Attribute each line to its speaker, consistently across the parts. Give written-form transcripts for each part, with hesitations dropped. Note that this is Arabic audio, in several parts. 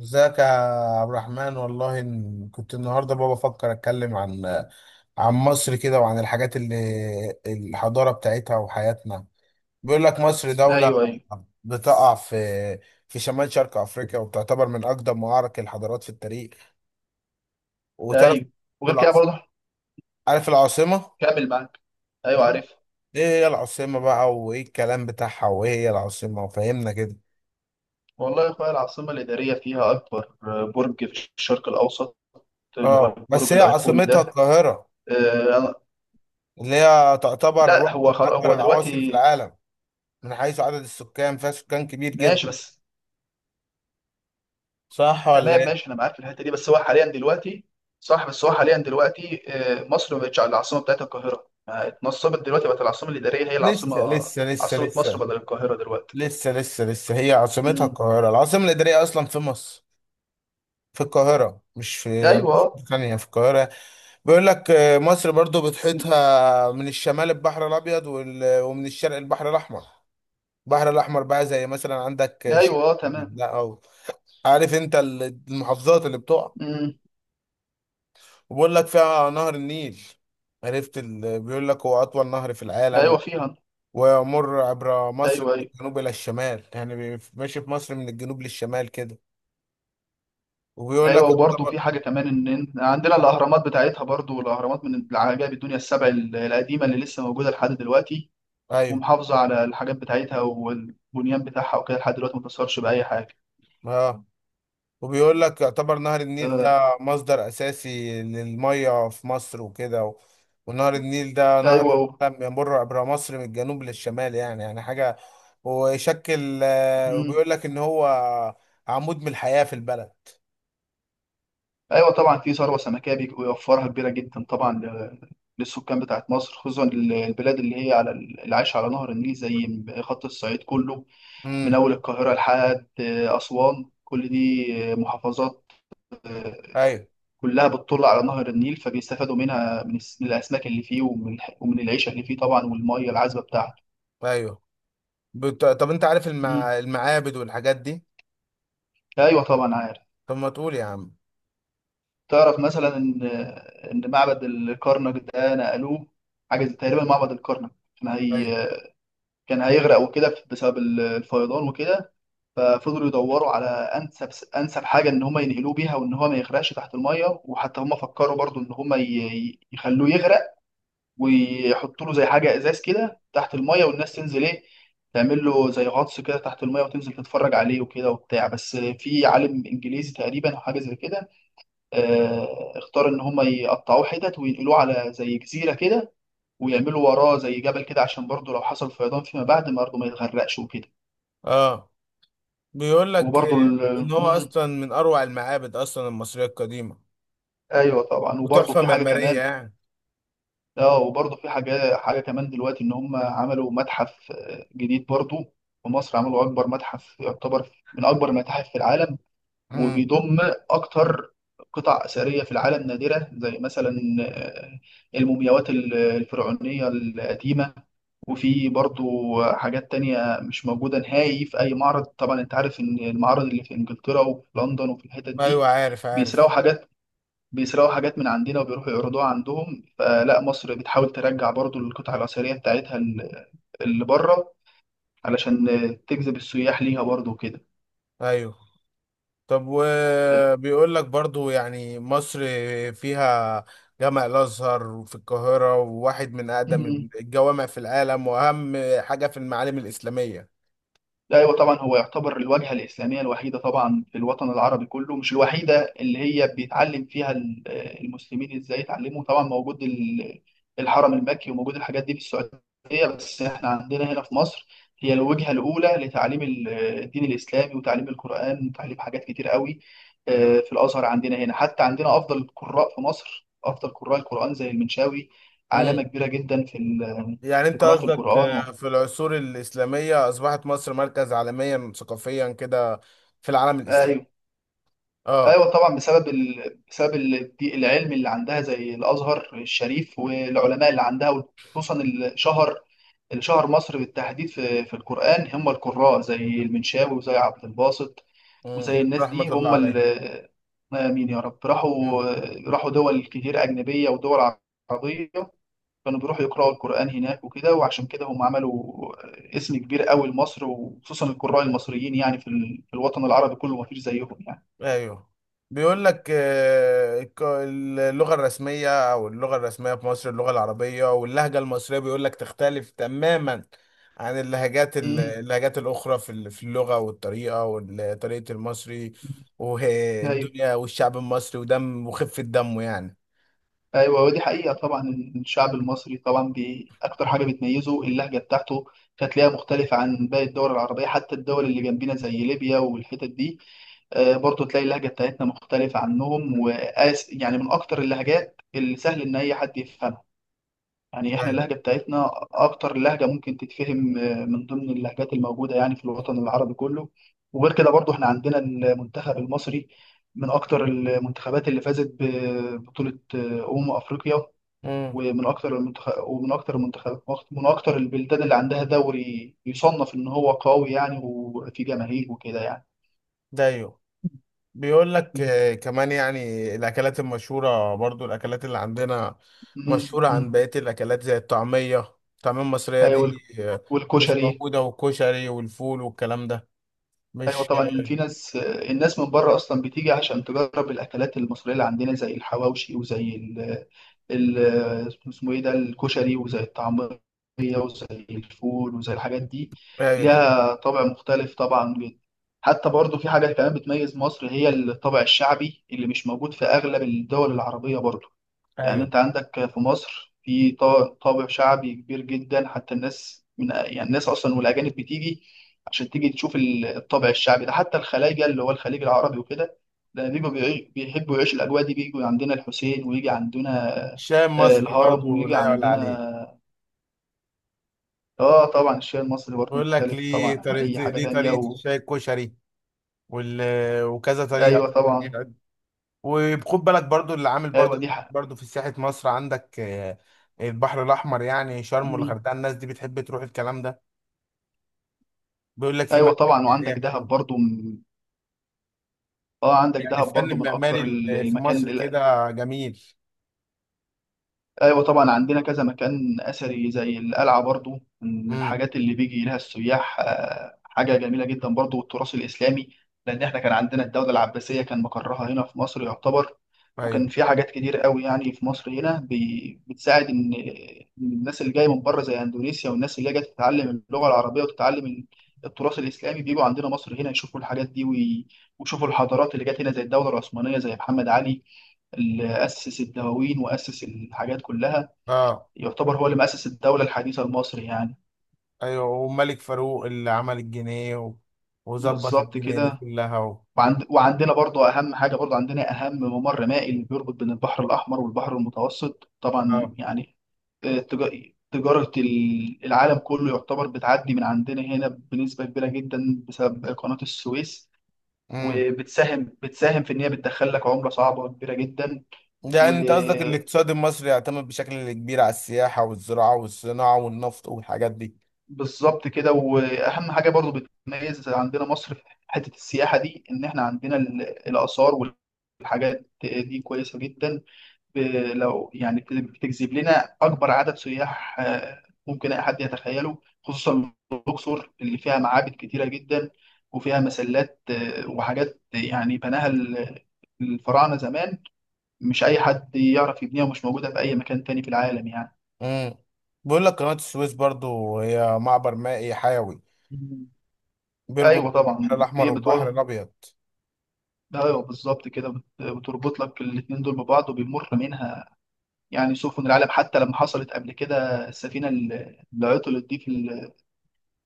Speaker 1: ازيك يا عبد الرحمن، والله كنت النهارده بابا بفكر اتكلم عن مصر كده، وعن الحاجات اللي الحضاره بتاعتها وحياتنا. بيقول لك مصر دولة
Speaker 2: ايوه، ايوه،
Speaker 1: بتقع في شمال شرق افريقيا، وبتعتبر من اقدم معارك الحضارات في التاريخ. وتعرف
Speaker 2: ايوه. وغير كده
Speaker 1: والعاصمة،
Speaker 2: برضه
Speaker 1: عارف العاصمة؟
Speaker 2: كامل معاك. ايوه،
Speaker 1: مم.
Speaker 2: عارف.
Speaker 1: ايه هي العاصمة بقى، وايه الكلام بتاعها، وايه هي العاصمة وفهمنا كده.
Speaker 2: والله يا اخويا، العاصمه الاداريه فيها اكبر برج في الشرق الاوسط، اللي هو
Speaker 1: اه بس
Speaker 2: البرج
Speaker 1: هي
Speaker 2: الايقوني
Speaker 1: عاصمتها
Speaker 2: ده.
Speaker 1: القاهرة،
Speaker 2: آه
Speaker 1: اللي هي تعتبر
Speaker 2: لا،
Speaker 1: واحدة
Speaker 2: هو
Speaker 1: من
Speaker 2: خلاص
Speaker 1: اكبر
Speaker 2: هو
Speaker 1: العواصم في
Speaker 2: دلوقتي.
Speaker 1: العالم من حيث عدد السكان، فيها سكان كبير
Speaker 2: ماشي،
Speaker 1: جدا.
Speaker 2: بس
Speaker 1: صح ولا
Speaker 2: تمام،
Speaker 1: ايه؟
Speaker 2: ماشي. انا معاك في الحته دي، بس هو حاليا دلوقتي. صح، بس هو حاليا دلوقتي مصر ما بقتش العاصمه بتاعتها القاهره، ما اتنصبت دلوقتي، بقت العاصمه الاداريه هي العاصمه،
Speaker 1: لسه لسه لسه
Speaker 2: عاصمه مصر
Speaker 1: لسه
Speaker 2: بدل القاهره دلوقتي.
Speaker 1: لسه لسه لسه، هي عاصمتها
Speaker 2: امم.
Speaker 1: القاهرة. العاصمة الإدارية أصلا في مصر، في القاهرة، مش في يعني
Speaker 2: ايوه،
Speaker 1: مش في ثانية، في القاهرة. بيقول لك مصر برضو بتحيطها من الشمال البحر الأبيض، ومن الشرق البحر الأحمر بقى، زي مثلا عندك شرق،
Speaker 2: ايوه، تمام.
Speaker 1: لا أو عارف أنت المحافظات اللي بتقع.
Speaker 2: امم.
Speaker 1: وبيقول لك فيها نهر النيل. بيقول لك هو أطول نهر في العالم،
Speaker 2: ايوه، فيها.
Speaker 1: ويمر عبر مصر
Speaker 2: ايوه،
Speaker 1: من
Speaker 2: ايوه.
Speaker 1: الجنوب إلى الشمال، يعني ماشي في مصر من الجنوب للشمال كده. وبيقول لك
Speaker 2: ايوه، وبرضه
Speaker 1: يعتبر.
Speaker 2: في حاجه كمان، ان عندنا الاهرامات بتاعتها، برضه الاهرامات من العجائب الدنيا السبع القديمه، اللي لسه موجوده لحد دلوقتي،
Speaker 1: أيوه.
Speaker 2: ومحافظه على الحاجات بتاعتها والبنيان بتاعها وكده لحد دلوقتي ما اتأثرش باي حاجه.
Speaker 1: آه، وبيقول لك يعتبر نهر النيل
Speaker 2: آه،
Speaker 1: ده مصدر أساسي للمية في مصر وكده ونهر النيل ده نهر
Speaker 2: ايوه،
Speaker 1: كان بيمر عبر مصر من الجنوب للشمال، يعني حاجة، ويشكل
Speaker 2: مم.
Speaker 1: وبيقول لك إن هو عمود من الحياة في البلد.
Speaker 2: ايوه طبعا، في ثروه سمكيه بيوفرها كبيره جدا طبعا، للسكان بتاعت مصر، خصوصا البلاد اللي هي اللي عايشه على نهر النيل، زي خط الصعيد كله، من
Speaker 1: امم.
Speaker 2: اول القاهره لحد اسوان، كل دي محافظات، آه،
Speaker 1: أيوه.
Speaker 2: كلها بتطل على نهر النيل، فبيستفادوا منها، من من الأسماك اللي فيه، ومن ومن العيشة اللي فيه طبعا، والمية العذبة بتاعته.
Speaker 1: أيوه. طب أنت عارف
Speaker 2: مم.
Speaker 1: المعابد والحاجات دي؟
Speaker 2: أيوة، طبعا عارف.
Speaker 1: طب ما تقول يا عم.
Speaker 2: تعرف مثلا إن معبد الكرنك ده نقلوه. حاجة تقريبا معبد الكرنك
Speaker 1: ايوه.
Speaker 2: كان هيغرق وكده بسبب الفيضان وكده، ففضلوا يدوروا على أنسب، حاجة إن هم ينقلوه بيها، وإن هو ما يغرقش تحت المية. وحتى هم فكروا برضو إن هم يخلوه يغرق، ويحطوا له زي حاجه ازاز كده تحت الميه، والناس تنزل ايه، تعمل له زي غطس كده تحت الميه، وتنزل تتفرج عليه وكده وبتاع، بس في عالم انجليزي تقريبا او حاجه زي كده. اختار ان هم يقطعوه حتت، وينقلوه على زي جزيره كده، ويعملوا وراه زي جبل كده، عشان برضه لو حصل فيضان فيما بعد برضه ما يتغرقش وكده.
Speaker 1: اه، بيقول لك
Speaker 2: وبرضه
Speaker 1: ان هو
Speaker 2: مم،
Speaker 1: اصلا من اروع المعابد، اصلا المصريه القديمه،
Speaker 2: ايوه طبعا، وبرضه
Speaker 1: وتحفه
Speaker 2: في حاجه
Speaker 1: معماريه
Speaker 2: كمان.
Speaker 1: يعني.
Speaker 2: اه وبرضه في حاجة كمان دلوقتي، إن هم عملوا متحف جديد برضه. في مصر عملوا أكبر متحف، يعتبر من أكبر المتاحف في العالم،
Speaker 1: امم.
Speaker 2: وبيضم أكتر قطع أثرية في العالم نادرة، زي مثلا آه، المومياوات الفرعونية القديمة. وفي برضه حاجات تانية مش موجودة نهائي في أي معرض. طبعا أنت عارف إن المعارض اللي في إنجلترا وفي لندن وفي الحتت دي
Speaker 1: ايوه عارف
Speaker 2: بيسرقوا
Speaker 1: عارف.
Speaker 2: حاجات، من عندنا، وبيروحوا يعرضوها عندهم، فلا مصر بتحاول ترجع برضو القطع الأثرية بتاعتها اللي بره، علشان تجذب السياح ليها برضو وكده.
Speaker 1: ايوه. طب وبيقول لك برضو يعني مصر فيها جامع الازهر في القاهره، وواحد من اقدم الجوامع في العالم، واهم حاجه في المعالم الاسلاميه.
Speaker 2: لا، ايوه طبعا، هو يعتبر الواجهه الاسلاميه الوحيده طبعا في الوطن العربي كله، مش الوحيده اللي هي بيتعلم فيها المسلمين ازاي يتعلموا. طبعا موجود الحرم المكي، وموجود الحاجات دي في السعوديه، بس احنا عندنا هنا في مصر، هي الوجهه الاولى لتعليم الدين الاسلامي، وتعليم القران، وتعليم حاجات كتير قوي في الازهر عندنا هنا. حتى عندنا افضل القراء في مصر، افضل قراء القران زي المنشاوي،
Speaker 1: امم.
Speaker 2: علامه كبيره جدا
Speaker 1: يعني
Speaker 2: في
Speaker 1: انت
Speaker 2: قراءه
Speaker 1: قصدك
Speaker 2: القران و...
Speaker 1: في العصور الاسلاميه اصبحت مصر مركز عالميا ثقافيا كده في العالم الاسلامي.
Speaker 2: أيوة.
Speaker 1: اه.
Speaker 2: ايوه طبعا، بسبب العلم اللي عندها زي الازهر الشريف، والعلماء اللي عندها، وخصوصا اللي شهر، مصر بالتحديد، في القران هم القراء زي المنشاوي، وزي عبد الباسط، وزي
Speaker 1: مم.
Speaker 2: الناس
Speaker 1: رحمة
Speaker 2: دي.
Speaker 1: الله
Speaker 2: هم
Speaker 1: عليه.
Speaker 2: مين يا رب
Speaker 1: مم.
Speaker 2: راحوا. راحوا دول كتير اجنبيه ودول عربيه، كانوا بيروحوا يقراوا القران هناك وكده، وعشان كده هم عملوا اسم كبير قوي لمصر، وخصوصا القراء المصريين يعني في الوطن العربي كله ما فيش زيهم يعني.
Speaker 1: ايوه، بيقول لك اللغة الرسمية او اللغة الرسمية في مصر اللغة العربية، واللهجة المصرية بيقول لك تختلف تماما عن
Speaker 2: مم.
Speaker 1: اللهجات الأخرى في في اللغة والطريقة وطريقة المصري
Speaker 2: ايوه،
Speaker 1: والدنيا والشعب المصري ودم وخفة دمه يعني.
Speaker 2: ايوه، ودي حقيقه طبعا. الشعب المصري طبعا اكتر حاجه بتميزه اللهجه بتاعته، هتلاقيها مختلفه عن باقي الدول العربيه، حتى الدول اللي جنبنا زي ليبيا والحتت دي، برضو تلاقي اللهجه بتاعتنا مختلفه عنهم، وقاس يعني من اكتر اللهجات اللي سهل ان اي حد يفهمها. يعني احنا
Speaker 1: أيوة.
Speaker 2: اللهجة بتاعتنا اكتر لهجة ممكن تتفهم من ضمن اللهجات الموجودة يعني في الوطن العربي كله. وغير كده برضو احنا عندنا المنتخب المصري من اكتر المنتخبات اللي فازت ببطولة افريقيا،
Speaker 1: امم.
Speaker 2: ومن اكتر المنتخب ومن اكتر المنتخب من اكتر البلدان اللي عندها دوري يصنف ان هو قوي يعني، وفي جماهير وكده يعني.
Speaker 1: ده ايوه، بيقول لك
Speaker 2: مم.
Speaker 1: كمان يعني الأكلات المشهورة، برضو الأكلات اللي عندنا
Speaker 2: مم.
Speaker 1: مشهورة عن
Speaker 2: مم.
Speaker 1: بقية الأكلات، زي الطعمية الطعمية المصرية
Speaker 2: ايوه،
Speaker 1: دي، مش
Speaker 2: والكشري.
Speaker 1: موجودة، والكشري والفول والكلام ده.
Speaker 2: ايوه
Speaker 1: مش
Speaker 2: طبعا، في ناس الناس من بره اصلا بتيجي عشان تجرب الاكلات المصريه اللي عندنا، زي الحواوشي، وزي ال ال اسمه ايه ده الكشري، وزي الطعميه، وزي الفول، وزي الحاجات دي،
Speaker 1: أيوه.
Speaker 2: ليها طابع مختلف طبعا جدا. حتى برضو في حاجه كمان بتميز مصر، هي الطابع الشعبي اللي مش موجود في اغلب الدول العربيه برضو. يعني
Speaker 1: أيوه،
Speaker 2: انت عندك في مصر في طابع شعبي كبير جدا، حتى الناس من يعني الناس اصلا والاجانب بتيجي عشان تيجي تشوف الطابع الشعبي ده، حتى الخلايجه اللي هو الخليج العربي وكده، ده بيجوا، بيحبوا يعيشوا الاجواء دي، بيجوا عندنا الحسين، ويجي عندنا
Speaker 1: الشاي المصري
Speaker 2: الهرم،
Speaker 1: برضو
Speaker 2: ويجي
Speaker 1: لا يعلى عليه.
Speaker 2: عندنا. اه طبعا الشيء المصري برضه
Speaker 1: بيقول لك
Speaker 2: مختلف
Speaker 1: ليه
Speaker 2: طبعا عن اي
Speaker 1: طريقة،
Speaker 2: حاجه
Speaker 1: ليه
Speaker 2: تانية
Speaker 1: طريقة
Speaker 2: و...
Speaker 1: الشاي، الكشري وال... وكذا طريقة.
Speaker 2: ايوه طبعا.
Speaker 1: وخد بالك برضو اللي عامل برضو.
Speaker 2: ايوه دي حق.
Speaker 1: برضو في سياحة مصر عندك البحر الأحمر، يعني شرم
Speaker 2: مم.
Speaker 1: والغردقة، الناس دي بتحب تروح الكلام ده. بيقول لك في
Speaker 2: ايوه
Speaker 1: معالم
Speaker 2: طبعا، وعندك
Speaker 1: سياحية
Speaker 2: دهب
Speaker 1: حلوة،
Speaker 2: برضه من... اه عندك
Speaker 1: يعني
Speaker 2: دهب
Speaker 1: الفن
Speaker 2: برضه من
Speaker 1: المعماري
Speaker 2: اكتر
Speaker 1: اللي في
Speaker 2: المكان.
Speaker 1: مصر كده جميل.
Speaker 2: ايوه طبعا عندنا كذا مكان اثري زي القلعه برضو، من
Speaker 1: امم.
Speaker 2: الحاجات اللي بيجي لها السياح، حاجه جميله جدا برضو، والتراث الاسلامي، لان احنا كان عندنا الدوله العباسيه كان مقرها هنا في مصر يعتبر.
Speaker 1: ايوه.
Speaker 2: وكان في حاجات كتير قوي يعني في مصر هنا بتساعد ان الناس اللي جايه من بره زي اندونيسيا، والناس اللي جايه تتعلم اللغه العربيه، وتتعلم التراث الاسلامي، بيجوا عندنا مصر هنا يشوفوا الحاجات دي، ويشوفوا الحضارات اللي جت هنا، زي الدوله العثمانيه، زي محمد علي اللي اسس الدواوين واسس الحاجات كلها،
Speaker 1: اه.
Speaker 2: يعتبر هو اللي مؤسس الدولة الحديثة المصري يعني.
Speaker 1: ايوه، وملك فاروق اللي عمل الجنيه وظبط
Speaker 2: بالظبط
Speaker 1: الدنيا دي
Speaker 2: كده.
Speaker 1: كلها
Speaker 2: وعندنا برضو أهم حاجة، برضو عندنا أهم ممر مائي اللي بيربط بين البحر الأحمر والبحر المتوسط طبعا
Speaker 1: اه.
Speaker 2: يعني. تجارة العالم كله يعتبر بتعدي من عندنا هنا بنسبة كبيرة جدا بسبب قناة السويس،
Speaker 1: امم.
Speaker 2: وبتساهم في إن هي بتدخل لك عملة صعبة وكبيرة جدا.
Speaker 1: يعني انت قصدك الاقتصاد المصري يعتمد بشكل كبير على السياحة والزراعة والصناعة والنفط والحاجات دي.
Speaker 2: بالظبط كده، واهم حاجه برضو بتميز عندنا مصر في حته السياحه دي، ان احنا عندنا الاثار والحاجات دي كويسه جدا، ب- لو يعني بتجذب لنا اكبر عدد سياح ممكن اي حد يتخيله، خصوصا الاقصر اللي فيها معابد كتيره جدا، وفيها مسلات وحاجات يعني بناها الفراعنه زمان، مش اي حد يعرف يبنيها، ومش موجوده في اي مكان تاني في العالم يعني.
Speaker 1: امم. بيقول لك قناة السويس برضو هي معبر مائي حيوي
Speaker 2: مم.
Speaker 1: بيربط
Speaker 2: ايوه
Speaker 1: البحر
Speaker 2: طبعا
Speaker 1: الأحمر
Speaker 2: في
Speaker 1: والبحر
Speaker 2: بتوع.
Speaker 1: الأبيض.
Speaker 2: ايوه بالظبط كده، بتربط لك الاتنين دول ببعض، وبيمر منها يعني سفن العالم، حتى لما حصلت قبل كده السفينه اللي عطلت دي في ال-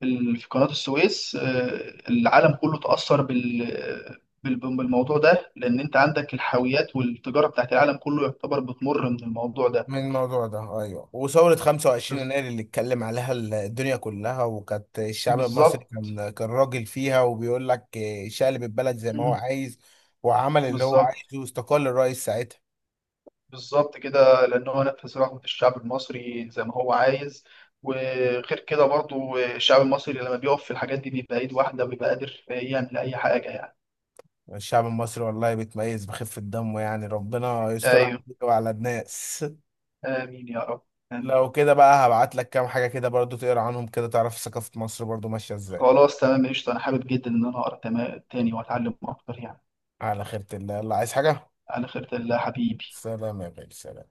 Speaker 2: في ال- في قناه السويس، العالم كله اتاثر بالموضوع ده، لان انت عندك الحاويات والتجاره بتاعت العالم كله يعتبر بتمر من الموضوع ده.
Speaker 1: من الموضوع ده أيوه، وثورة 25
Speaker 2: بز-
Speaker 1: يناير اللي اتكلم عليها الدنيا كلها، وكانت الشعب المصري
Speaker 2: بالظبط.
Speaker 1: كان راجل فيها. وبيقول لك شقلب البلد زي ما هو
Speaker 2: مم.
Speaker 1: عايز، وعمل اللي هو
Speaker 2: بالظبط،
Speaker 1: عايزه، واستقال الرئيس ساعتها.
Speaker 2: بالظبط كده، لأن هو نفذ رغبة الشعب المصري زي ما هو عايز. وغير كده برضو الشعب المصري لما بيقف في الحاجات دي بيبقى إيد واحدة، وبيبقى قادر يعمل أي حاجة يعني.
Speaker 1: الشعب المصري والله بيتميز بخفة دمه، يعني ربنا يسترها
Speaker 2: أيوه.
Speaker 1: على الناس.
Speaker 2: آمين يا رب. آمين.
Speaker 1: لو كده بقى هبعت لك كام حاجة كده برضو تقرا عنهم كده، تعرف ثقافة مصر برضو ماشية ازاي.
Speaker 2: خلاص تمام، قشطة، أنا حابب جدا إن أنا أقرأ تاني وأتعلم أكتر يعني.
Speaker 1: على خيرة الله، يلا عايز حاجة.
Speaker 2: على خيرة الله حبيبي.
Speaker 1: سلام يا غالي، سلام.